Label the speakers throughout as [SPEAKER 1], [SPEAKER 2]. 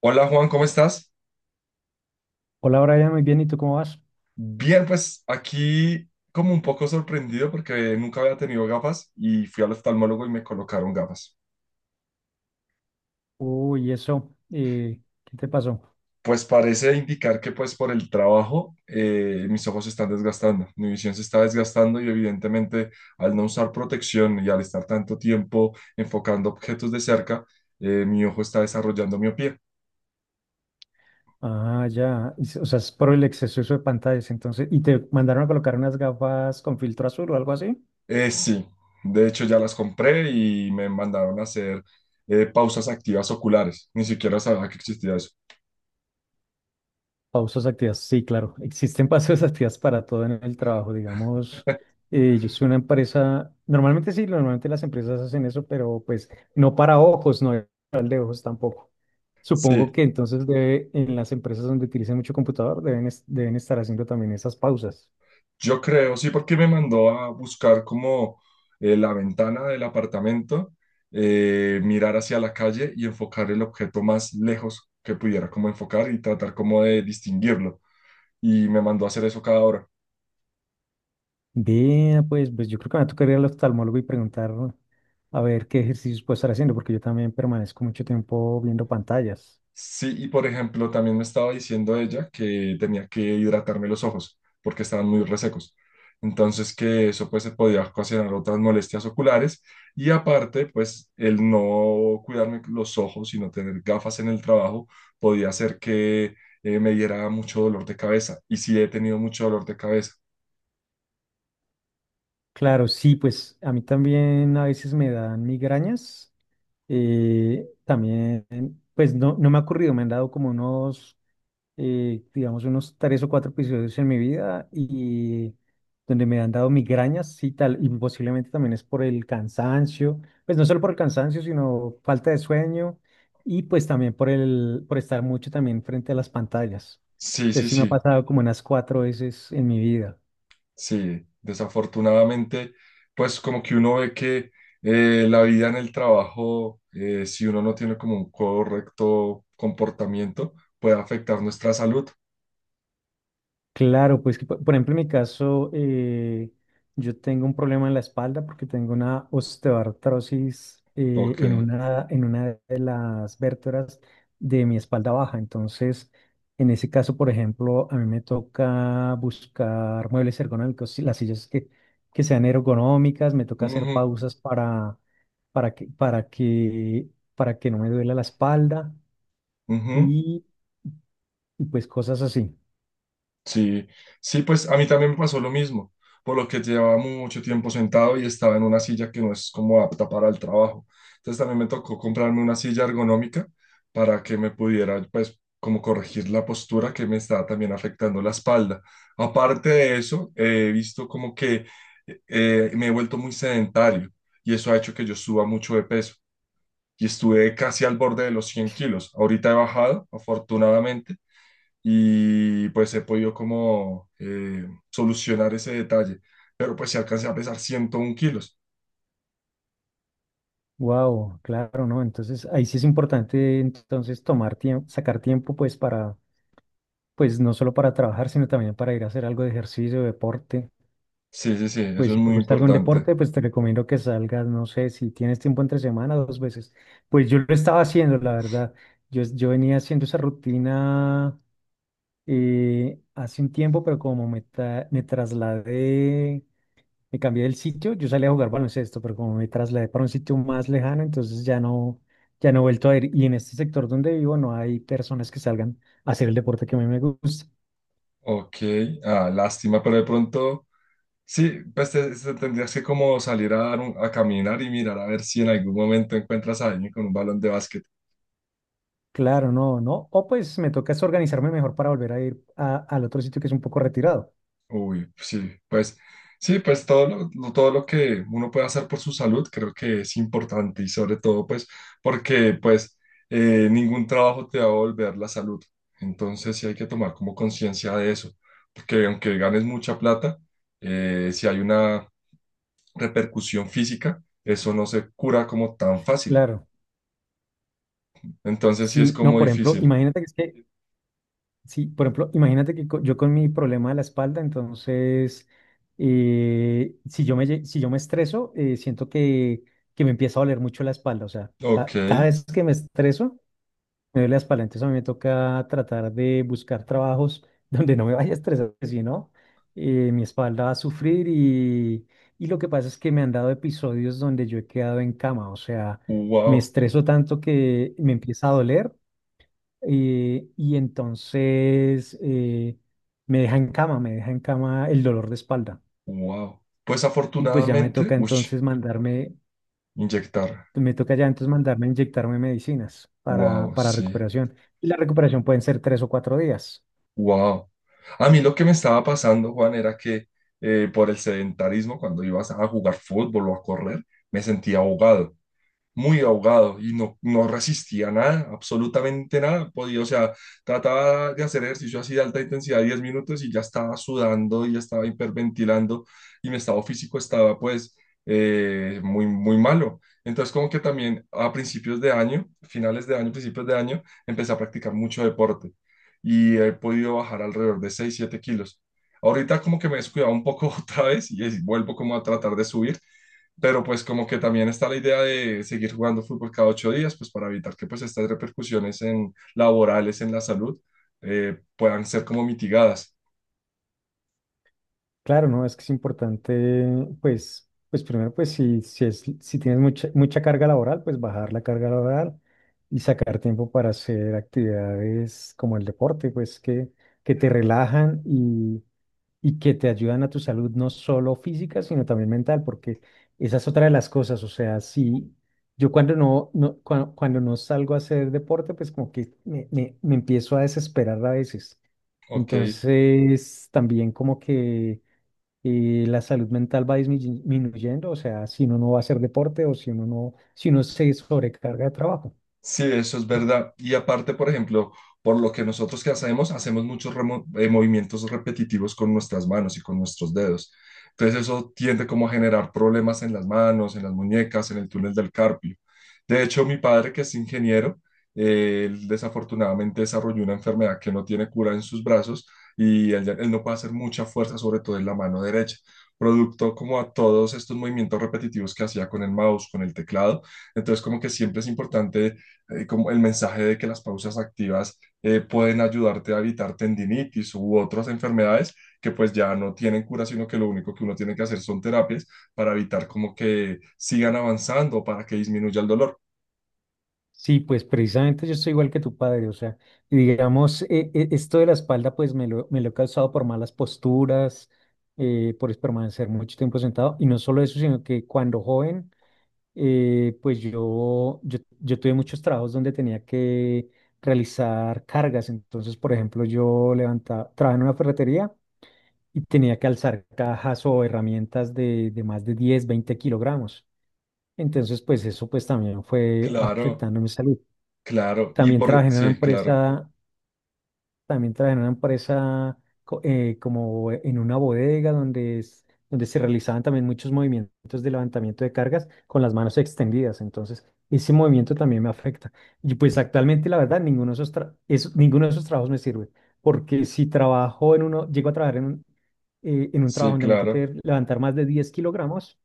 [SPEAKER 1] Hola Juan, ¿cómo estás?
[SPEAKER 2] Hola Brian, muy bien, ¿y tú cómo vas?
[SPEAKER 1] Bien, pues aquí como un poco sorprendido porque nunca había tenido gafas y fui al oftalmólogo y me colocaron gafas.
[SPEAKER 2] Uy, eso, ¿qué te pasó?
[SPEAKER 1] Pues parece indicar que pues por el trabajo mis ojos se están desgastando, mi visión se está desgastando y evidentemente al no usar protección y al estar tanto tiempo enfocando objetos de cerca, mi ojo está desarrollando miopía.
[SPEAKER 2] Ah, ya, o sea, es por el exceso de pantallas, entonces, ¿y te mandaron a colocar unas gafas con filtro azul o algo así?
[SPEAKER 1] Sí, de hecho ya las compré y me mandaron a hacer pausas activas oculares, ni siquiera sabía que existía eso.
[SPEAKER 2] Pausas activas, sí, claro, existen pausas activas para todo en el trabajo, digamos, yo soy una empresa, normalmente sí, normalmente las empresas hacen eso, pero pues no para ojos, no para de ojos tampoco. Supongo
[SPEAKER 1] Sí,
[SPEAKER 2] que entonces debe, en las empresas donde utilicen mucho computador deben, deben estar haciendo también esas pausas.
[SPEAKER 1] yo creo, sí, porque me mandó a buscar como la ventana del apartamento, mirar hacia la calle y enfocar el objeto más lejos que pudiera como enfocar y tratar como de distinguirlo. Y me mandó a hacer eso cada hora.
[SPEAKER 2] Bien, pues yo creo que me va a tocar ir al oftalmólogo y preguntar a ver qué ejercicios puedo estar haciendo, porque yo también permanezco mucho tiempo viendo pantallas.
[SPEAKER 1] Sí, y por ejemplo, también me estaba diciendo ella que tenía que hidratarme los ojos porque estaban muy resecos. Entonces, que eso pues se podía ocasionar otras molestias oculares y aparte, pues el no cuidarme los ojos y no tener gafas en el trabajo podía hacer que me diera mucho dolor de cabeza. Y sí, he tenido mucho dolor de cabeza.
[SPEAKER 2] Claro, sí, pues a mí también a veces me dan migrañas. También, pues no me ha ocurrido, me han dado como unos, digamos, unos tres o cuatro episodios en mi vida y donde me han dado migrañas y tal, y posiblemente también es por el cansancio, pues no solo por el cansancio, sino falta de sueño y pues también por el, por estar mucho también frente a las pantallas.
[SPEAKER 1] Sí, sí,
[SPEAKER 2] Entonces sí me ha
[SPEAKER 1] sí.
[SPEAKER 2] pasado como unas cuatro veces en mi vida.
[SPEAKER 1] Sí, desafortunadamente, pues como que uno ve que la vida en el trabajo, si uno no tiene como un correcto comportamiento, puede afectar nuestra salud.
[SPEAKER 2] Claro, pues por ejemplo en mi caso, yo tengo un problema en la espalda porque tengo una osteoartrosis,
[SPEAKER 1] Ok.
[SPEAKER 2] en una, de las vértebras de mi espalda baja. Entonces, en ese caso, por ejemplo, a mí me toca buscar muebles ergonómicos, sí, las sillas que sean ergonómicas, me toca hacer
[SPEAKER 1] Ujú,
[SPEAKER 2] pausas para que, para que, para que no me duela la espalda,
[SPEAKER 1] ujú.
[SPEAKER 2] y, y pues cosas así.
[SPEAKER 1] Sí, sí, pues a mí también me pasó lo mismo, por lo que llevaba mucho tiempo sentado y estaba en una silla que no es como apta para el trabajo. Entonces también me tocó comprarme una silla ergonómica para que me pudiera, pues, como corregir la postura que me estaba también afectando la espalda. Aparte de eso, he visto como que me he vuelto muy sedentario y eso ha hecho que yo suba mucho de peso y estuve casi al borde de los 100 kilos. Ahorita he bajado, afortunadamente, y pues he podido como solucionar ese detalle. Pero pues si alcancé a pesar 101 kilos.
[SPEAKER 2] Wow, claro, ¿no? Entonces ahí sí es importante entonces tomar tiempo, sacar tiempo pues para, pues no solo para trabajar, sino también para ir a hacer algo de ejercicio, deporte.
[SPEAKER 1] Sí, sí, sí, eso
[SPEAKER 2] Pues
[SPEAKER 1] es
[SPEAKER 2] si te
[SPEAKER 1] muy
[SPEAKER 2] gusta algún
[SPEAKER 1] importante.
[SPEAKER 2] deporte, pues te recomiendo que salgas, no sé, si tienes tiempo entre semana, dos veces. Pues yo lo estaba haciendo, la verdad. Yo venía haciendo esa rutina, hace un tiempo, pero como me trasladé, me cambié del sitio, yo salí a jugar baloncesto, pero como me trasladé para un sitio más lejano, entonces ya no he vuelto a ir. Y en este sector donde vivo no hay personas que salgan a hacer el deporte que a mí me gusta.
[SPEAKER 1] Ok, ah, lástima, pero de pronto, sí, pues te tendrías que como salir a caminar y mirar a ver si en algún momento encuentras a alguien con un balón de básquet.
[SPEAKER 2] Claro, no, no. O pues me toca es organizarme mejor para volver a ir al otro sitio que es un poco retirado.
[SPEAKER 1] Uy, pues sí, pues sí, pues todo todo lo que uno puede hacer por su salud creo que es importante y sobre todo pues porque pues ningún trabajo te va a volver la salud. Entonces sí hay que tomar como conciencia de eso, porque aunque ganes mucha plata, si hay una repercusión física, eso no se cura como tan fácil.
[SPEAKER 2] Claro.
[SPEAKER 1] Entonces sí es
[SPEAKER 2] Sí, no,
[SPEAKER 1] como
[SPEAKER 2] por ejemplo,
[SPEAKER 1] difícil.
[SPEAKER 2] imagínate que es que. Sí, por ejemplo, imagínate que yo con mi problema de la espalda, entonces, si yo si yo me estreso, siento que me empieza a doler mucho la espalda. O sea,
[SPEAKER 1] Ok,
[SPEAKER 2] cada vez que me estreso, me duele la espalda. Entonces a mí me toca tratar de buscar trabajos donde no me vaya a estresar, porque si no, mi espalda va a sufrir, y lo que pasa es que me han dado episodios donde yo he quedado en cama. O sea, me
[SPEAKER 1] wow,
[SPEAKER 2] estreso tanto que me empieza a doler, y entonces me deja en cama, me deja en cama el dolor de espalda.
[SPEAKER 1] wow. Pues
[SPEAKER 2] Y pues ya me
[SPEAKER 1] afortunadamente,
[SPEAKER 2] toca
[SPEAKER 1] ush,
[SPEAKER 2] entonces mandarme.
[SPEAKER 1] inyectar.
[SPEAKER 2] Me toca ya entonces mandarme a inyectarme medicinas para,
[SPEAKER 1] Wow,
[SPEAKER 2] para
[SPEAKER 1] sí.
[SPEAKER 2] recuperación. Y la recuperación pueden ser 3 o 4 días.
[SPEAKER 1] Wow. A mí lo que me estaba pasando, Juan, era que por el sedentarismo, cuando ibas a jugar fútbol o a correr, me sentía ahogado, muy ahogado, y no resistía nada, absolutamente nada. Podía, o sea, trataba de hacer ejercicio así de alta intensidad 10 minutos y ya estaba sudando y ya estaba hiperventilando y mi estado físico estaba pues muy, muy malo. Entonces como que también a principios de año, finales de año, principios de año, empecé a practicar mucho deporte y he podido bajar alrededor de 6 7 kilos. Ahorita como que me he descuidado un poco otra vez y vuelvo como a tratar de subir, pero pues como que también está la idea de seguir jugando fútbol cada 8 días, pues para evitar que pues estas repercusiones laborales en la salud puedan ser como mitigadas.
[SPEAKER 2] Claro, ¿no? Es que es importante, pues primero, pues si tienes mucha, mucha carga laboral, pues bajar la carga laboral y sacar tiempo para hacer actividades como el deporte, pues que te relajan y que te ayudan a tu salud no solo física, sino también mental, porque esa es otra de las cosas, o sea, sí, yo cuando no salgo a hacer deporte, pues como que me empiezo a desesperar a veces.
[SPEAKER 1] Ok,
[SPEAKER 2] Entonces, también como que, la salud mental va disminuyendo, o sea, si uno no va a hacer deporte o si uno no, si uno se sobrecarga de trabajo.
[SPEAKER 1] sí, eso es verdad. Y aparte, por ejemplo, por lo que nosotros, que hacemos, hacemos muchos movimientos repetitivos con nuestras manos y con nuestros dedos. Entonces eso tiende como a generar problemas en las manos, en las muñecas, en el túnel del carpio. De hecho, mi padre, que es ingeniero, él desafortunadamente desarrolló una enfermedad que no tiene cura en sus brazos, y él, él no puede hacer mucha fuerza, sobre todo en la mano derecha, producto como a todos estos movimientos repetitivos que hacía con el mouse, con el teclado. Entonces, como que siempre es importante como el mensaje de que las pausas activas pueden ayudarte a evitar tendinitis u otras enfermedades que pues ya no tienen cura, sino que lo único que uno tiene que hacer son terapias para evitar como que sigan avanzando, para que disminuya el dolor.
[SPEAKER 2] Sí, pues precisamente yo soy igual que tu padre, o sea, y digamos, esto de la espalda pues me lo he causado por malas posturas, por permanecer mucho tiempo sentado, y no solo eso, sino que cuando joven, pues yo tuve muchos trabajos donde tenía que realizar cargas, entonces, por ejemplo, yo levantaba, trabajaba en una ferretería y tenía que alzar cajas o herramientas de más de 10, 20 kilogramos, entonces, pues eso pues también fue
[SPEAKER 1] Claro,
[SPEAKER 2] afectando mi salud.
[SPEAKER 1] claro. Y
[SPEAKER 2] También trabajé
[SPEAKER 1] por,
[SPEAKER 2] en una
[SPEAKER 1] sí, claro,
[SPEAKER 2] empresa, también trabajé en una empresa como en una bodega donde se realizaban también muchos movimientos de levantamiento de cargas con las manos extendidas. Entonces, ese movimiento también me afecta. Y pues actualmente, la verdad, ninguno de esos trabajos me sirve. Porque si trabajo en uno, llego a trabajar en un, en un trabajo
[SPEAKER 1] sí,
[SPEAKER 2] donde me
[SPEAKER 1] claro.
[SPEAKER 2] toque levantar más de 10 kilogramos,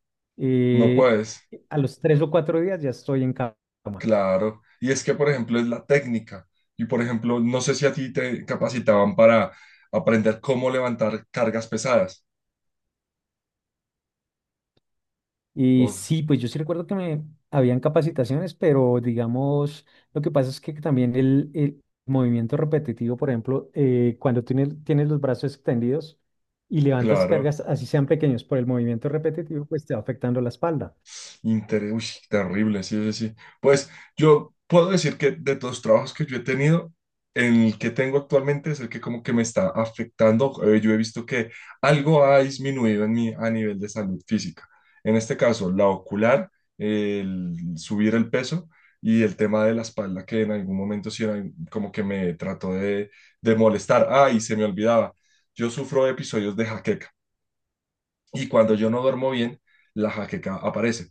[SPEAKER 1] No
[SPEAKER 2] eh,
[SPEAKER 1] puedes,
[SPEAKER 2] a los 3 o 4 días ya estoy en cama.
[SPEAKER 1] claro. Y es que, por ejemplo, es la técnica. Y, por ejemplo, no sé si a ti te capacitaban para aprender cómo levantar cargas pesadas.
[SPEAKER 2] Y
[SPEAKER 1] Oh,
[SPEAKER 2] sí, pues yo sí recuerdo que me habían capacitaciones, pero digamos, lo que pasa es que también el movimiento repetitivo, por ejemplo, cuando tienes los brazos extendidos y levantas
[SPEAKER 1] claro.
[SPEAKER 2] cargas, así sean pequeños, por el movimiento repetitivo, pues te va afectando la espalda.
[SPEAKER 1] Inter, uy, terrible, sí, sí, sí. Pues yo puedo decir que de todos los trabajos que yo he tenido, el que tengo actualmente es el que como que me está afectando. Yo he visto que algo ha disminuido en mí a nivel de salud física. En este caso, la ocular, el subir el peso y el tema de la espalda, que en algún momento sí era como que me trató de molestar. Ah, y se me olvidaba, yo sufro de episodios de jaqueca y cuando yo no duermo bien, la jaqueca aparece,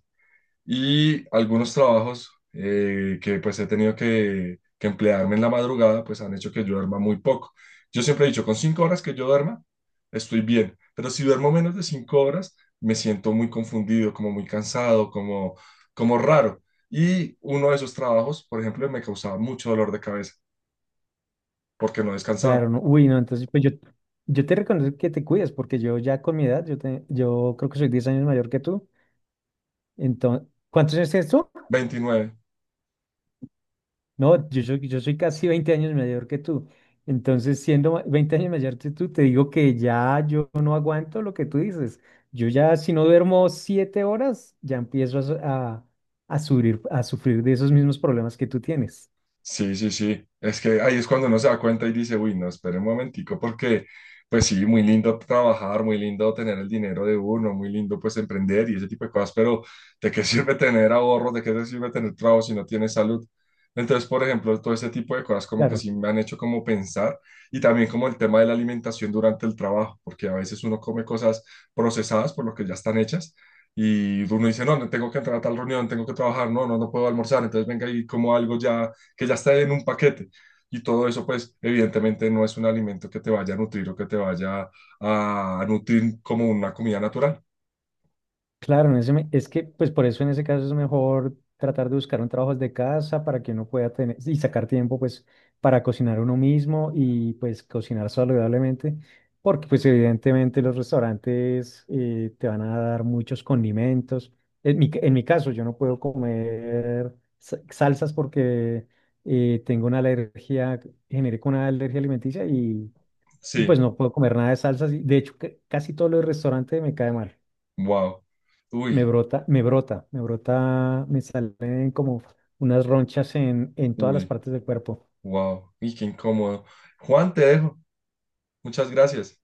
[SPEAKER 1] y algunos trabajos que pues he tenido que, emplearme en la madrugada, pues han hecho que yo duerma muy poco. Yo siempre he dicho, con 5 horas que yo duerma, estoy bien, pero si duermo menos de 5 horas, me siento muy confundido, como muy cansado, como, como raro. Y uno de esos trabajos, por ejemplo, me causaba mucho dolor de cabeza porque no descansaba.
[SPEAKER 2] Claro, no, uy, no, entonces pues yo te reconozco que te cuides, porque yo ya con mi edad, yo creo que soy 10 años mayor que tú. Entonces, ¿cuántos años tienes tú?
[SPEAKER 1] 29.
[SPEAKER 2] No, yo soy casi 20 años mayor que tú. Entonces, siendo 20 años mayor que tú, te digo que ya yo no aguanto lo que tú dices. Yo ya, si no duermo 7 horas, ya empiezo a, su- a sufrir de esos mismos problemas que tú tienes.
[SPEAKER 1] Sí, sí, sí. Es que ahí es cuando uno se da cuenta y dice, uy, no, espere un momentico, porque pues sí, muy lindo trabajar, muy lindo tener el dinero de uno, muy lindo pues emprender y ese tipo de cosas, pero ¿de qué sirve tener ahorros? ¿De qué te sirve tener trabajo si no tienes salud? Entonces, por ejemplo, todo ese tipo de cosas como que
[SPEAKER 2] Claro.
[SPEAKER 1] sí me han hecho como pensar, y también como el tema de la alimentación durante el trabajo, porque a veces uno come cosas procesadas por lo que ya están hechas. Y uno dice, no, no tengo que entrar a tal reunión, tengo que trabajar, no, no, no puedo almorzar, entonces venga y como algo ya que ya está en un paquete. Y todo eso, pues, evidentemente no es un alimento que te vaya a nutrir o que te vaya a nutrir como una comida natural.
[SPEAKER 2] Claro, en ese es que pues por eso en ese caso es mejor tratar de buscar un trabajo desde casa para que uno pueda tener y sacar tiempo pues para cocinar uno mismo y pues cocinar saludablemente, porque pues evidentemente los restaurantes, te van a dar muchos condimentos. En en mi caso yo no puedo comer salsas porque, tengo una alergia, generé con una alergia alimenticia, y pues
[SPEAKER 1] Sí,
[SPEAKER 2] no puedo comer nada de salsas. Y, de hecho, casi todo lo del restaurante me cae mal.
[SPEAKER 1] wow.
[SPEAKER 2] Me
[SPEAKER 1] Uy,
[SPEAKER 2] brota, me brota, me brota, me salen como unas ronchas en todas las
[SPEAKER 1] uy,
[SPEAKER 2] partes del cuerpo.
[SPEAKER 1] wow. Y qué incómodo. Juan, te dejo. Muchas gracias.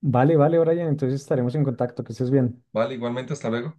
[SPEAKER 2] Vale, vale, Brian, entonces estaremos en contacto, que estés bien.
[SPEAKER 1] Vale, igualmente, hasta luego.